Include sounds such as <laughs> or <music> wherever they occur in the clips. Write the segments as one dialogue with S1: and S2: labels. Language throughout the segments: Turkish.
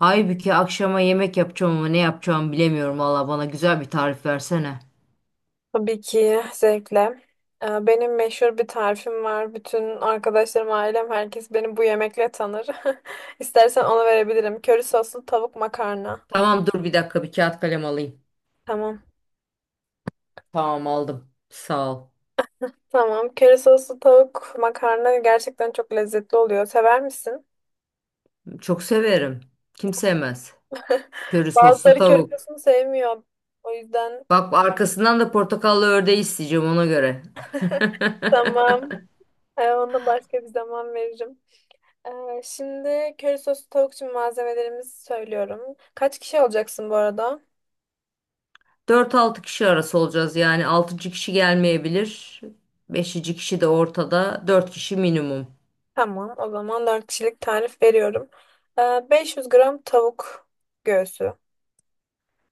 S1: Aybüke, akşama yemek yapacağım ama ne yapacağımı bilemiyorum valla, bana güzel bir tarif versene.
S2: Tabii ki zevkle. Benim meşhur bir tarifim var. Bütün arkadaşlarım, ailem, herkes beni bu yemekle tanır. <laughs> İstersen onu verebilirim. Köri soslu tavuk makarna.
S1: Tamam, dur bir dakika, bir kağıt kalem alayım.
S2: Tamam.
S1: Tamam, aldım. Sağ ol.
S2: Tamam. Köri soslu tavuk makarna gerçekten çok lezzetli oluyor. Sever misin?
S1: Çok severim. Kim sevmez.
S2: <laughs>
S1: Köri soslu
S2: Bazıları köri
S1: tavuk.
S2: sosunu sevmiyor. O yüzden
S1: Bak, arkasından da portakallı ördeği isteyeceğim, ona göre. <laughs>
S2: Tamam. Ona başka bir zaman veririm. Şimdi köri soslu tavuk için malzemelerimizi söylüyorum. Kaç kişi olacaksın bu arada?
S1: Dört altı kişi arası olacağız, yani 6. kişi gelmeyebilir. 5. kişi de ortada. Dört kişi minimum.
S2: Tamam, o zaman 4 kişilik tarif veriyorum. 500 gram tavuk göğsü.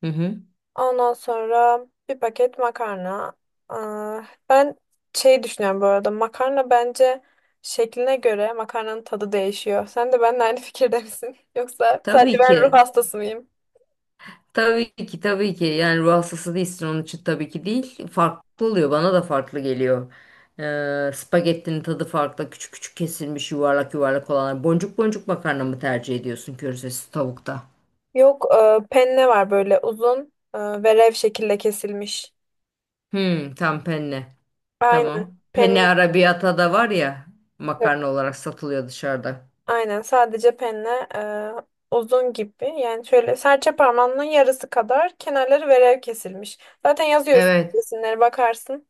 S1: Hı hı.
S2: Ondan sonra bir paket makarna. Aa, ben şey düşünüyorum bu arada. Makarna bence şekline göre makarnanın tadı değişiyor. Sen de benimle aynı fikirde misin? <laughs> Yoksa sadece
S1: Tabii
S2: ben ruh
S1: ki.
S2: hastası mıyım?
S1: Tabii ki tabii ki, yani ruh hastası değilsin, onun için tabii ki değil. Farklı oluyor, bana da farklı geliyor. Spagettinin tadı farklı, küçük küçük kesilmiş yuvarlak yuvarlak olanlar. Boncuk boncuk makarna mı tercih ediyorsun körzesi tavukta?
S2: Yok penne var, böyle uzun ve rev şekilde kesilmiş.
S1: Hmm, tam penne
S2: Aynen.
S1: tamam. Penne
S2: Penne.
S1: arrabbiata da var ya, makarna olarak satılıyor dışarıda.
S2: Aynen, sadece penne uzun gibi. Yani şöyle serçe parmağının yarısı kadar, kenarları verev kesilmiş. Zaten yazıyorsun,
S1: Evet.
S2: resimlere bakarsın.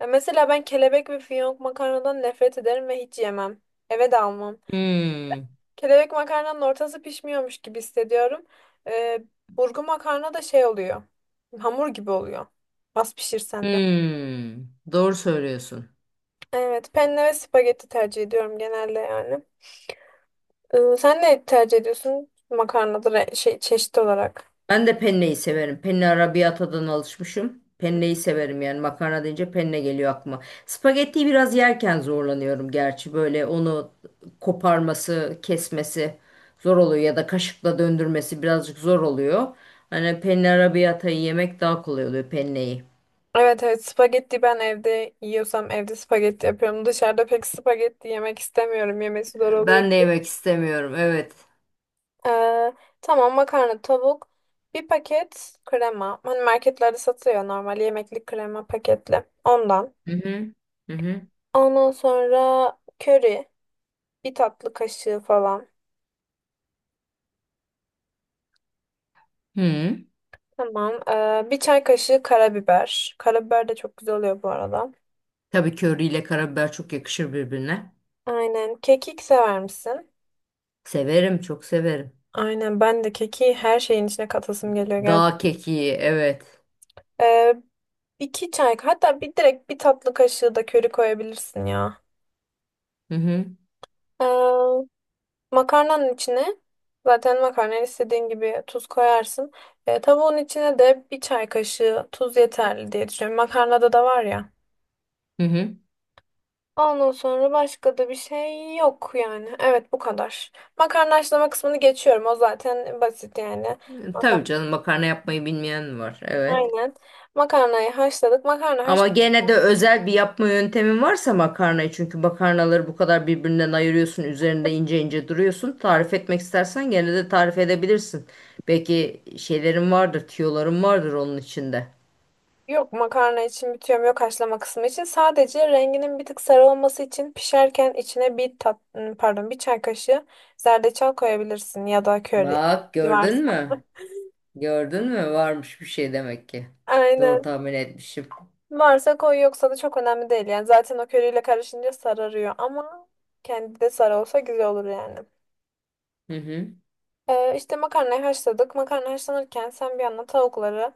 S2: Mesela ben kelebek ve fiyonk makarnadan nefret ederim ve hiç yemem. Eve de almam.
S1: Hmm.
S2: Kelebek makarnanın ortası pişmiyormuş gibi hissediyorum. E, burgu makarna da şey oluyor. Hamur gibi oluyor. Az pişirsen de.
S1: Hmm. Doğru söylüyorsun.
S2: Evet, penne ve spagetti tercih ediyorum genelde yani. Sen ne tercih ediyorsun? Makarnadır şey, çeşit olarak.
S1: Ben de penneyi severim. Penne arabiyatadan alışmışım. Penneyi severim, yani makarna deyince penne geliyor aklıma. Spagettiyi biraz yerken zorlanıyorum gerçi, böyle onu koparması, kesmesi zor oluyor ya da kaşıkla döndürmesi birazcık zor oluyor. Hani penne arabiyatayı yemek daha kolay oluyor, penneyi.
S2: Evet, evet, spagetti, ben evde yiyorsam evde spagetti yapıyorum. Dışarıda pek spagetti yemek istemiyorum. Yemesi zor oluyor.
S1: Ben de yemek istemiyorum, evet.
S2: Ee, tamam, makarna, tavuk, bir paket krema. Hani marketlerde satıyor, normal yemeklik krema paketli. Ondan.
S1: Hı hı. Hı hı.
S2: Ondan sonra köri, bir tatlı kaşığı falan.
S1: Hı.
S2: Tamam. Bir çay kaşığı karabiber. Karabiber de çok güzel oluyor bu arada.
S1: Tabii, köri ile karabiber çok yakışır birbirine.
S2: Aynen. Kekik sever misin?
S1: Severim, çok severim.
S2: Aynen, ben de keki her şeyin içine katasım geliyor, gel.
S1: Dağ kekiği, evet.
S2: Ee, iki çay, hatta bir direkt bir tatlı kaşığı da köri koyabilirsin ya.
S1: Hı hı.
S2: Ee, Makarnanın içine zaten makarnayı istediğin gibi tuz koyarsın. Tavuğun içine de bir çay kaşığı tuz yeterli diye düşünüyorum. Makarnada da var ya.
S1: Hı hı.
S2: Ondan sonra başka da bir şey yok yani. Evet, bu kadar. Makarna haşlama kısmını geçiyorum. O zaten basit yani.
S1: Tabii
S2: Makarna.
S1: canım, makarna yapmayı bilmeyen mi var? Evet.
S2: Aynen. Makarnayı haşladık. Makarna...
S1: Ama gene de özel bir yapma yöntemin varsa makarnayı, çünkü makarnaları bu kadar birbirinden ayırıyorsun, üzerinde ince ince duruyorsun. Tarif etmek istersen gene de tarif edebilirsin. Belki şeylerin vardır, tüyoların vardır onun içinde.
S2: Yok, makarna için bitiyorum, yok, haşlama kısmı için. Sadece renginin bir tık sarı olması için, pişerken içine bir tat ım, pardon bir çay kaşığı zerdeçal koyabilirsin, ya da köri
S1: Bak,
S2: varsa.
S1: gördün mü? Gördün mü? Varmış bir şey demek ki. Doğru
S2: Aynen.
S1: tahmin etmişim.
S2: Varsa koy, yoksa da çok önemli değil yani. Zaten o köriyle karışınca sararıyor, ama kendi de sarı olsa güzel olur yani.
S1: Hı hı.
S2: İşte makarnayı haşladık. Makarna haşlanırken sen bir yandan tavukları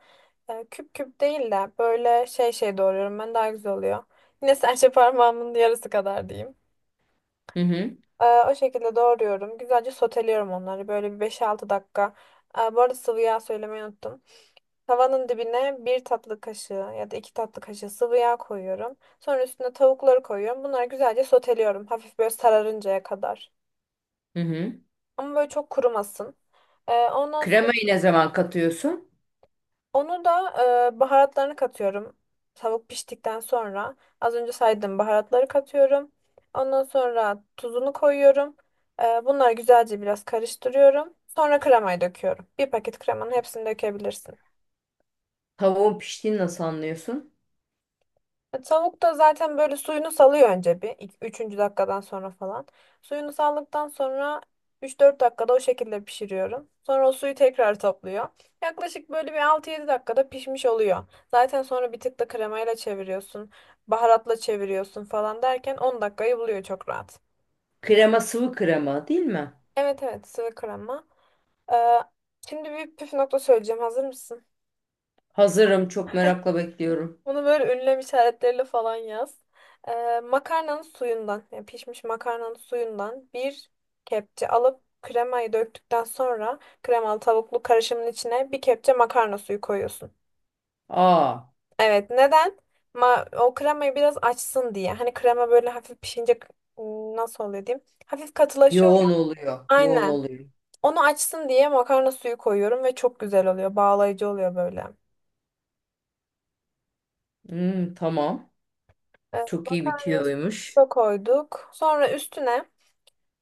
S2: küp küp değil de böyle şey doğruyorum ben, daha güzel oluyor. Yine serçe parmağımın yarısı kadar diyeyim.
S1: Hı hı.
S2: O şekilde doğruyorum. Güzelce soteliyorum onları. Böyle bir 5-6 dakika. Bu arada sıvı yağ söylemeyi unuttum. Tavanın dibine bir tatlı kaşığı ya da 2 tatlı kaşığı sıvı yağ koyuyorum. Sonra üstüne tavukları koyuyorum. Bunları güzelce soteliyorum. Hafif böyle sararıncaya kadar.
S1: Hı hı.
S2: Ama böyle çok kurumasın. Ondan sonra
S1: Kremayı ne zaman katıyorsun?
S2: onu da baharatlarını katıyorum. Tavuk piştikten sonra az önce saydığım baharatları katıyorum. Ondan sonra tuzunu koyuyorum. Bunları güzelce biraz karıştırıyorum. Sonra kremayı döküyorum. Bir paket kremanın hepsini dökebilirsin.
S1: Tavuğun piştiğini nasıl anlıyorsun?
S2: Tavuk da zaten böyle suyunu salıyor önce bir. Üçüncü dakikadan sonra falan. Suyunu saldıktan sonra 3-4 dakikada o şekilde pişiriyorum. Sonra o suyu tekrar topluyor. Yaklaşık böyle bir 6-7 dakikada pişmiş oluyor. Zaten sonra bir tık da kremayla çeviriyorsun. Baharatla çeviriyorsun falan derken 10 dakikayı buluyor çok rahat.
S1: Krema sıvı krema değil mi?
S2: Evet, evet, sıvı krema. Ee, şimdi bir püf nokta söyleyeceğim. Hazır mısın?
S1: Hazırım. Çok merakla bekliyorum.
S2: Bunu böyle ünlem işaretleriyle falan yaz. Makarnanın suyundan, yani pişmiş makarnanın suyundan bir kepçe alıp, kremayı döktükten sonra kremalı tavuklu karışımın içine bir kepçe makarna suyu koyuyorsun.
S1: Aa,
S2: Evet, neden? O kremayı biraz açsın diye. Hani krema böyle hafif pişince nasıl oluyor diyeyim? Hafif katılaşıyor ya.
S1: yoğun oluyor. Yoğun
S2: Aynen.
S1: oluyor.
S2: Onu açsın diye makarna suyu koyuyorum ve çok güzel oluyor. Bağlayıcı oluyor böyle.
S1: Hmm, tamam.
S2: Ee,
S1: Çok iyi
S2: makarna suyu
S1: bitiyormuş.
S2: da koyduk. Sonra üstüne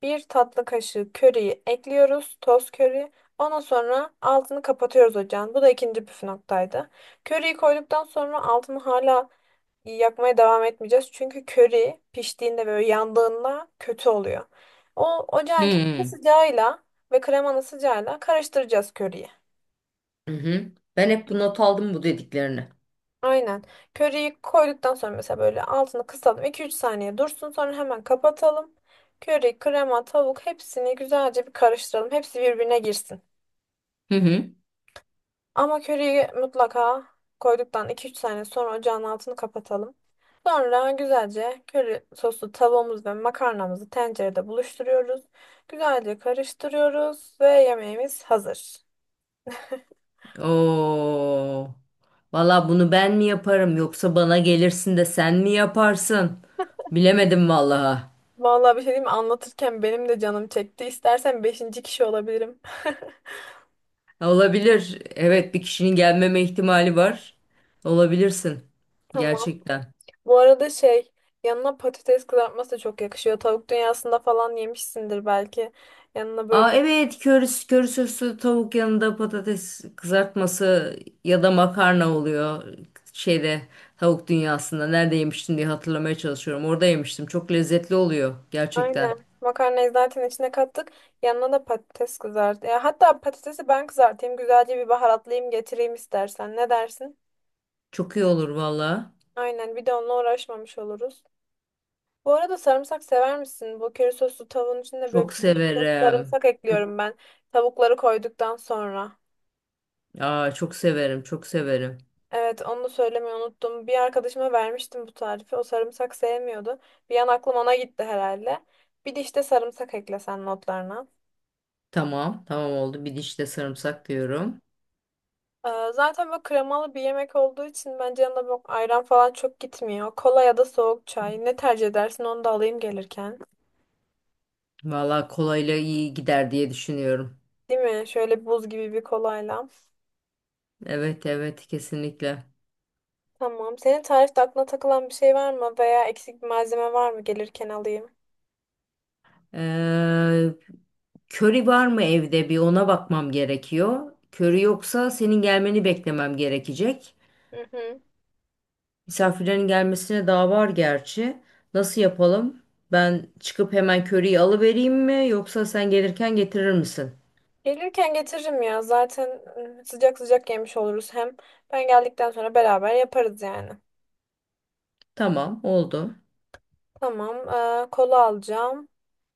S2: bir tatlı kaşığı köriyi ekliyoruz. Toz köri. Ondan sonra altını kapatıyoruz ocağın. Bu da ikinci püf noktaydı. Köriyi koyduktan sonra altını hala yakmaya devam etmeyeceğiz. Çünkü köri piştiğinde, böyle yandığında kötü oluyor. O ocağın kendi
S1: Hmm.
S2: sıcağıyla ve kremanın sıcağıyla karıştıracağız köriyi.
S1: Hı hı. Ben hep bu not aldım, bu dediklerini.
S2: Aynen. Köriyi koyduktan sonra mesela böyle altını kısalım. 2-3 saniye dursun, sonra hemen kapatalım. Köri, krema, tavuk, hepsini güzelce bir karıştıralım. Hepsi birbirine girsin.
S1: Hı hı.
S2: Ama köriyi mutlaka koyduktan 2-3 saniye sonra ocağın altını kapatalım. Sonra güzelce köri soslu tavuğumuz ve makarnamızı tencerede buluşturuyoruz. Güzelce karıştırıyoruz ve yemeğimiz hazır.
S1: Oo. Valla bunu ben mi yaparım yoksa bana gelirsin de sen mi yaparsın? Bilemedim vallahi.
S2: Vallahi bir şey diyeyim mi? Anlatırken benim de canım çekti. İstersen beşinci kişi olabilirim.
S1: Olabilir. Evet, bir kişinin gelmeme ihtimali var. Olabilirsin.
S2: <laughs> Tamam.
S1: Gerçekten.
S2: Bu arada şey, yanına patates kızartması da çok yakışıyor. Tavuk dünyasında falan yemişsindir belki. Yanına böyle...
S1: Aa, evet, köri, köri soslu tavuk yanında patates kızartması ya da makarna oluyor şeyde, tavuk dünyasında. Nerede yemiştim diye hatırlamaya çalışıyorum, orada yemiştim, çok lezzetli oluyor gerçekten.
S2: Aynen. Makarnayı zaten içine kattık. Yanına da patates kızart. Ya, hatta patatesi ben kızartayım. Güzelce bir baharatlayayım, getireyim istersen. Ne dersin?
S1: Çok iyi olur valla.
S2: Aynen. Bir de onunla uğraşmamış oluruz. Bu arada, sarımsak sever misin? Bu köri soslu tavuğun içinde
S1: Çok
S2: böyle bir diş fırçası
S1: severim,
S2: sarımsak
S1: çok.
S2: ekliyorum ben. Tavukları koyduktan sonra.
S1: Aa, çok severim, çok severim.
S2: Evet, onu da söylemeyi unuttum. Bir arkadaşıma vermiştim bu tarifi. O sarımsak sevmiyordu. Bir an aklım ona gitti herhalde. Bir diş de sarımsak eklesen notlarına.
S1: Tamam tamam, oldu, bir diş de sarımsak diyorum.
S2: Zaten böyle kremalı bir yemek olduğu için bence yanında böyle ayran falan çok gitmiyor. Kola ya da soğuk çay. Ne tercih edersin, onu da alayım gelirken.
S1: Valla kolayla iyi gider diye düşünüyorum.
S2: Değil mi? Şöyle buz gibi bir kolayla.
S1: Evet evet, kesinlikle.
S2: Tamam. Senin tarifte aklına takılan bir şey var mı? Veya eksik bir malzeme var mı? Gelirken alayım.
S1: Ee, Köri var mı evde, bir ona bakmam gerekiyor. Köri yoksa senin gelmeni beklemem gerekecek.
S2: Hı hı.
S1: Misafirlerin gelmesine daha var gerçi. Nasıl yapalım? Ben çıkıp hemen köriyi alıvereyim mi yoksa sen gelirken getirir misin?
S2: Gelirken getiririm ya. Zaten sıcak sıcak yemiş oluruz. Hem ben geldikten sonra beraber yaparız yani.
S1: Tamam, oldu.
S2: Tamam. Kola alacağım.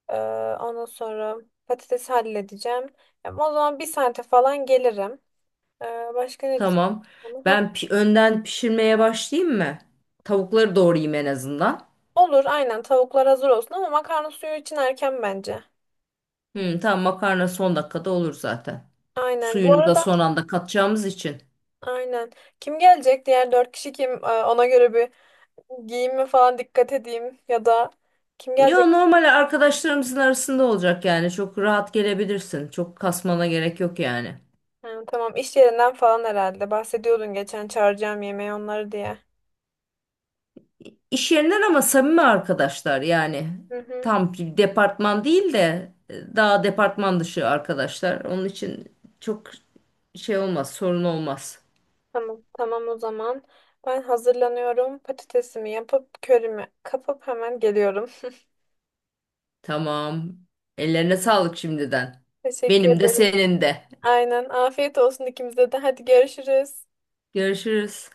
S2: Ee, ondan sonra patatesi halledeceğim. Ya, o zaman bir saate falan gelirim. Başka ne
S1: Tamam.
S2: diyeceğim? Heh.
S1: Önden pişirmeye başlayayım mı? Tavukları doğrayayım en azından.
S2: Olur, aynen, tavuklar hazır olsun ama makarna suyu için erken bence.
S1: Hı, tamam, makarna son dakikada olur zaten.
S2: Aynen. Bu
S1: Suyunu da
S2: arada
S1: son anda katacağımız için.
S2: aynen. Kim gelecek? Diğer dört kişi kim? Ona göre bir giyinme falan dikkat edeyim, ya da kim
S1: Ya,
S2: gelecek?
S1: normal arkadaşlarımızın arasında olacak yani. Çok rahat gelebilirsin. Çok kasmana gerek yok yani.
S2: Ha, tamam, iş yerinden falan herhalde. Bahsediyordun geçen, çağıracağım yemeği onları diye.
S1: İş yerinden ama samimi arkadaşlar yani.
S2: Hı hı.
S1: Tam bir departman değil de daha departman dışı arkadaşlar. Onun için çok şey olmaz, sorun olmaz.
S2: Tamam. Tamam, o zaman. Ben hazırlanıyorum. Patatesimi yapıp körümü kapıp hemen geliyorum.
S1: Tamam. Ellerine sağlık şimdiden.
S2: <laughs> Teşekkür
S1: Benim de
S2: ederim.
S1: senin de.
S2: Aynen. Afiyet olsun ikimize de. Hadi görüşürüz.
S1: Görüşürüz.